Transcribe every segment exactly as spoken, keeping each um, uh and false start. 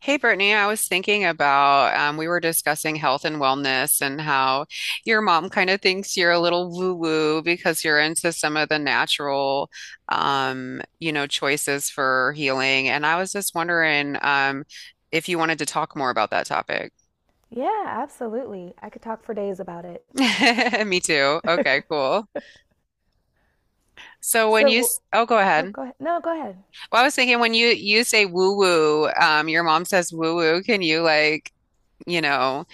Hey Brittany, I was thinking about um, we were discussing health and wellness and how your mom kind of thinks you're a little woo-woo because you're into some of the natural, um, you know, choices for healing. And I was just wondering um, if you wanted to talk more about that topic. Yeah, absolutely. I could talk for days about it. Me too. Okay, cool. So when So, you, s- wh- oh, go oh, ahead. go ahead. No, go ahead. Well, I was thinking when you you say woo-woo, um, your mom says woo-woo. Can you like, you know?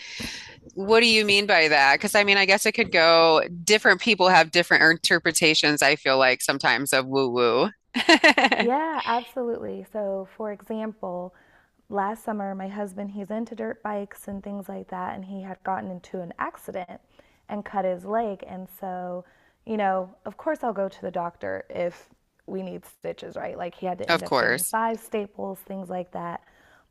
What do you mean by that? Because I mean, I guess it could go, different people have different interpretations, I feel like sometimes of woo woo. Yeah, absolutely. So, for example, last summer, my husband, he's into dirt bikes and things like that, and he had gotten into an accident and cut his leg. And so, you know, of course, I'll go to the doctor if we need stitches, right? Like, he had to Of end up getting course. five staples, things like that.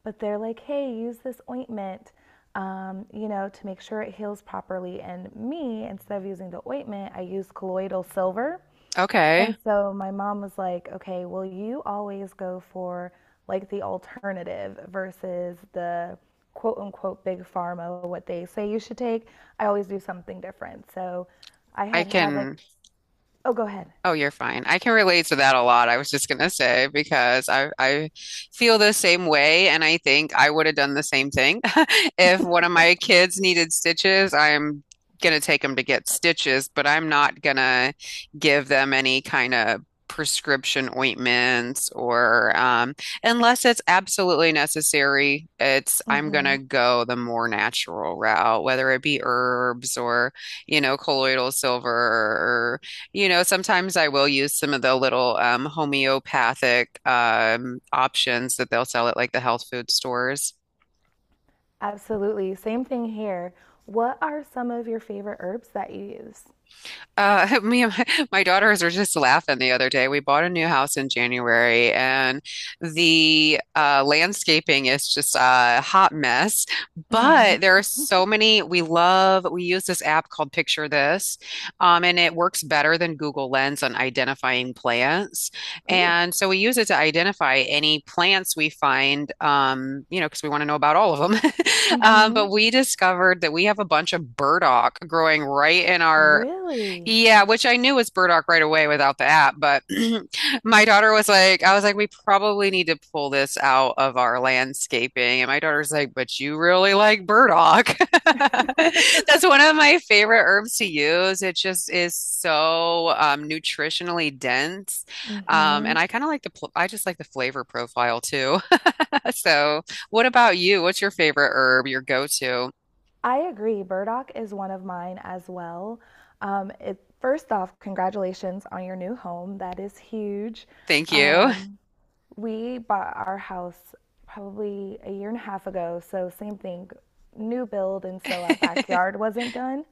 But they're like, hey, use this ointment, um, you know, to make sure it heals properly. And me, instead of using the ointment, I use colloidal silver. Okay. And so my mom was like, okay, well, you always go for like the alternative versus the quote unquote big pharma, what they say you should take. I always do something different. So I I had had can. like, oh, go ahead. Oh, you're fine. I can relate to that a lot. I was just gonna say because I I feel the same way, and I think I would have done the same thing. If one of my kids needed stitches, I'm gonna take them to get stitches, but I'm not gonna give them any kind of prescription ointments or um, unless it's absolutely necessary. It's I'm gonna Hmm. go the more natural route, whether it be herbs or you know colloidal silver, you know, sometimes I will use some of the little um, homeopathic um, options that they'll sell at like the health food stores. Absolutely. Same thing here. What are some of your favorite herbs that you use? Uh, me and my, my daughters were just laughing the other day. We bought a new house in January, and the uh, landscaping is just a hot mess. Hmm. But there are so many we love. We use this app called Picture This, um, and it works better than Google Lens on identifying plants. Ooh. And so we use it to identify any plants we find, um, you know, because we want to know about all of them. Um, hmm. But we discovered that we have a bunch of burdock growing right in our. Really? Yeah, which I knew was burdock right away without the app, but my daughter was like, I was like, we probably need to pull this out of our landscaping. And my daughter's like, but you really like burdock. That's one of my favorite herbs to use. It just is so um, nutritionally dense. Um, Hmm. and I kind of like the, pl- I just like the flavor profile too. So what about you? What's your favorite herb, your go-to? I agree. Burdock is one of mine as well. Um, it, first off, congratulations on your new home. That is huge. Thank you. Um, we bought our house probably a year and a half ago, so same thing, new build, and so our backyard wasn't done.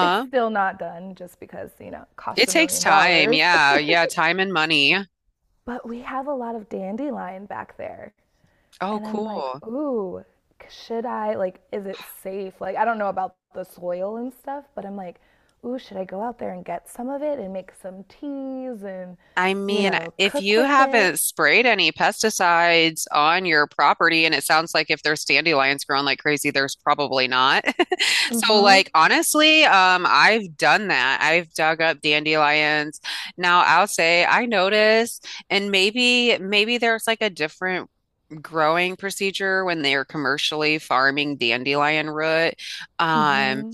It's still not done just because, you know, it It costs a takes million time. dollars. Yeah. Yeah. Time and money. But we have a lot of dandelion back there. Oh, And I'm like, cool. ooh, should I, like, is it safe? Like, I don't know about the soil and stuff, but I'm like, ooh, should I go out there and get some of it and make some teas and, I you mean, know, if cook you with it? haven't sprayed any pesticides on your property, and it sounds like if there's dandelions growing like crazy, there's probably not. Mm So, hmm. like, honestly, um, I've done that. I've dug up dandelions. Now, I'll say I noticed, and maybe, maybe there's like a different growing procedure when they're commercially farming dandelion root. Mm Um, hmm.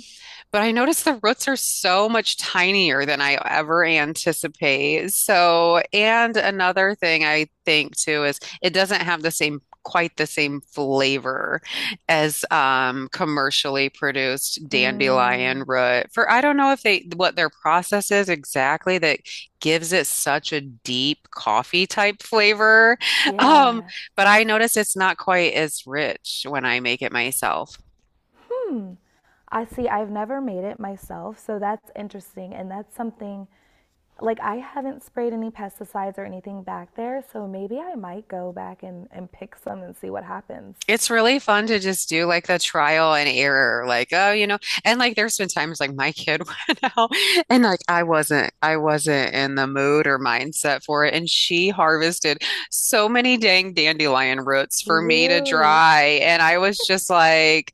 But I noticed the roots are so much tinier than I ever anticipate. So, and another thing I think too is it doesn't have the same, quite the same flavor as um, commercially produced dandelion Mm, root. For I don't know if they, what their process is exactly that gives it such a deep coffee type flavor. Um, yeah. but I notice it's not quite as rich when I make it myself. I see, I've never made it myself, so that's interesting. And that's something, like, I haven't sprayed any pesticides or anything back there, so maybe I might go back and, and pick some and see what happens. It's really fun to just do like the trial and error, like, oh, you know, and like there's been times like my kid went out and like I wasn't, I wasn't in the mood or mindset for it. And she harvested so many dang dandelion roots for me to Really? dry. And I was just like,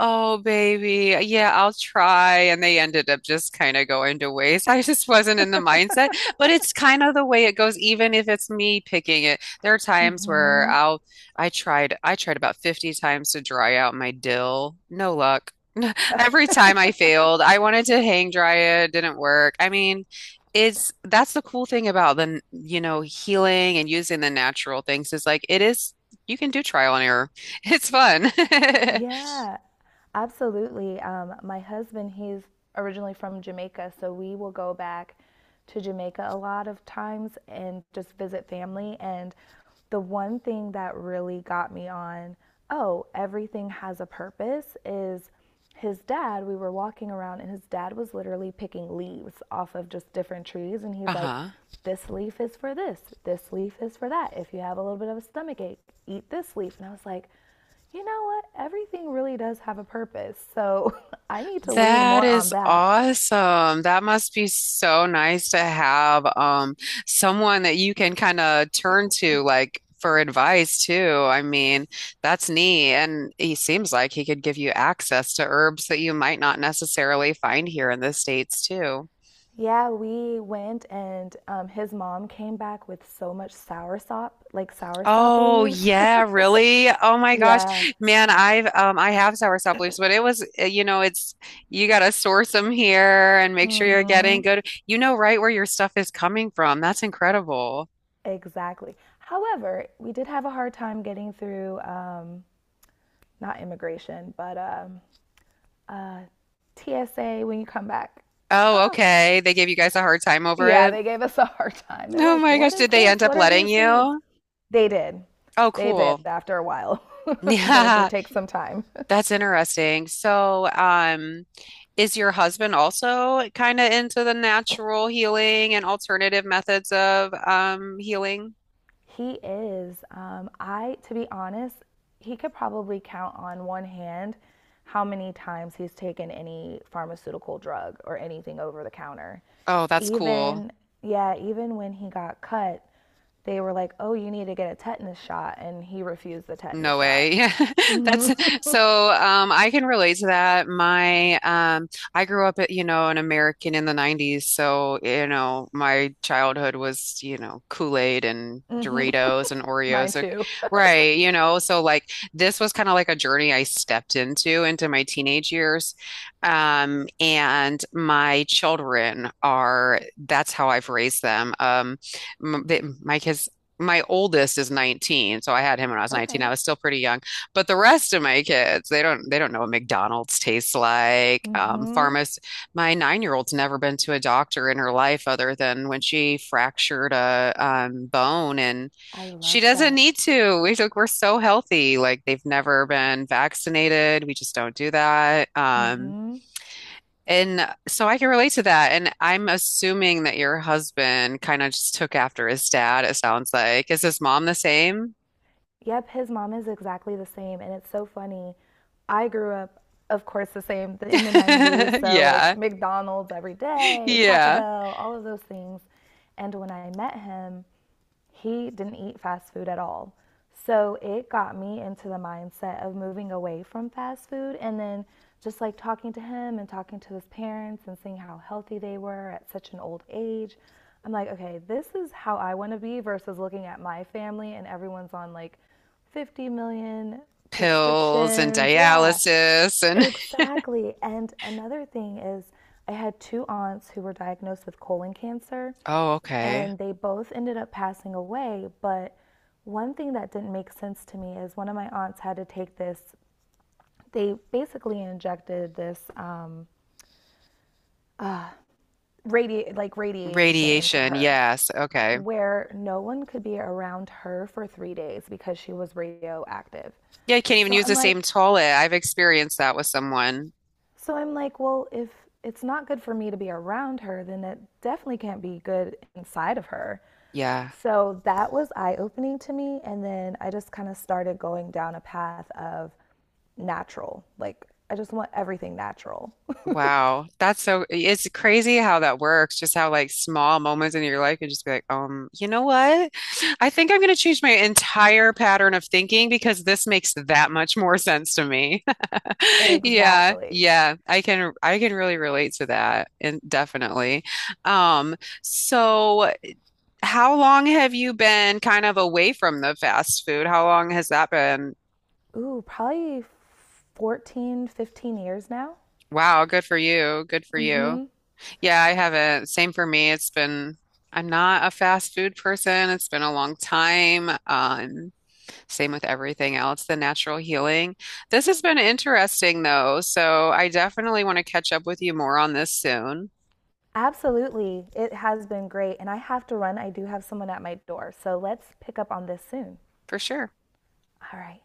oh, baby. Yeah, I'll try. And they ended up just kind of going to waste. I just wasn't in the mindset, but it's kind of the way it goes, even if it's me picking it. There are Mm times where hmm. I'll, I tried, I tried about fifty times to dry out my dill. No luck. Every time I failed, I wanted to hang dry it, didn't work. I mean, it's that's the cool thing about the, you know, healing and using the natural things is like it is, you can do trial and error. It's fun. Yeah, absolutely. Um, my husband, he's originally from Jamaica, so we will go back to Jamaica a lot of times and just visit family. And the one thing that really got me on, oh, everything has a purpose, is his dad. We were walking around, and his dad was literally picking leaves off of just different trees. And he's like, Uh-huh. this leaf is for this, this leaf is for that. If you have a little bit of a stomach ache, eat this leaf. And I was like, you know what? Everything really does have a purpose. So I need to lean That more on is that. awesome. That must be so nice to have um someone that you can kind of turn to like for advice too. I mean, that's neat. And he seems like he could give you access to herbs that you might not necessarily find here in the States too. Yeah, we went and um, his mom came back with so much soursop, like soursop Oh leaves. yeah, really? Oh my gosh. Yeah. Man, I've um I have soursop leaves, but it was uh, you know, it's you gotta source them here and make sure you're Mm-hmm. getting good. You know right where your stuff is coming from. That's incredible. Exactly. However, we did have a hard time getting through, um, not immigration, but um, uh, T S A when you come back. Oh, Ah, okay. They gave you guys a hard time over yeah, it. they gave us a hard time. They're Oh like, my "What gosh, is did they this? end up What are letting these leaves?" you? They did. Oh, They did cool. after a while, but it did Yeah, take some time. that's interesting. So, um, is your husband also kind of into the natural healing and alternative methods of um healing? He is. Um, I, to be honest, he could probably count on one hand how many times he's taken any pharmaceutical drug or anything over the counter. Oh, that's cool. Even, yeah, even when he got cut, they were like, "Oh, you need to get a tetanus shot," and he refused the tetanus No shot. way. That's so, um I can relate to that. My um I grew up at, you know, an American in the nineties, so you know, my childhood was, you know, Kool-Aid and Hmm. Doritos and Oreos. Mine So, too. right, you know, so like this was kind of like a journey I stepped into into my teenage years. Um and my children are that's how I've raised them. Um m- they, my kids my oldest is nineteen, so I had him when I was nineteen. I Okay. was still pretty young. But the rest of my kids, they don't they don't know what McDonald's tastes like. Um, Mhm. pharmac my nine-year-old's never been to a doctor in her life other than when she fractured a um, bone, and I she love doesn't that. need to. We like we're so healthy. Like they've never been vaccinated. We just don't do that. Um, Mhm. and so I can relate to that. And I'm assuming that your husband kind of just took after his dad, it sounds like. Is his mom the same? Yep, his mom is exactly the same, and it's so funny. I grew up, of course, the same th- in the nineties, so like Yeah. McDonald's every day, Taco Yeah. Bell, all of those things. And when I met him, he didn't eat fast food at all. So it got me into the mindset of moving away from fast food and then just like talking to him and talking to his parents and seeing how healthy they were at such an old age. I'm like, okay, this is how I want to be versus looking at my family and everyone's on like fifty million Pills and prescriptions. Yeah, dialysis and exactly. And another thing is, I had two aunts who were diagnosed with colon cancer, oh, okay. and they both ended up passing away. But one thing that didn't make sense to me is one of my aunts had to take this. They basically injected this um, radi- like radiation into Radiation. her, Yes. Okay. where no one could be around her for three days because she was radioactive. Yeah, you can't even So use I'm the like, same toilet. I've experienced that with someone. so I'm like, well, if it's not good for me to be around her, then it definitely can't be good inside of her. Yeah. So that was eye opening to me. And then I just kind of started going down a path of natural. Like, I just want everything natural. Wow. That's so, it's crazy how that works. Just how like small moments in your life can just be like, um, you know what? I think I'm going to change my entire pattern of thinking because this makes that much more sense to me. Yeah. Exactly. Yeah. I can, I can really relate to that and definitely. Um, so how long have you been kind of away from the fast food? How long has that been? Ooh, probably fourteen, fifteen years now. Wow. Good for you. Good for Mm you. hmm. Yeah, I haven't. Same for me. It's been, I'm not a fast food person. It's been a long time. Um, same with everything else, the natural healing. This has been interesting, though. So I definitely want to catch up with you more on this soon, Absolutely. It has been great. And I have to run. I do have someone at my door. So let's pick up on this soon. for sure. All right.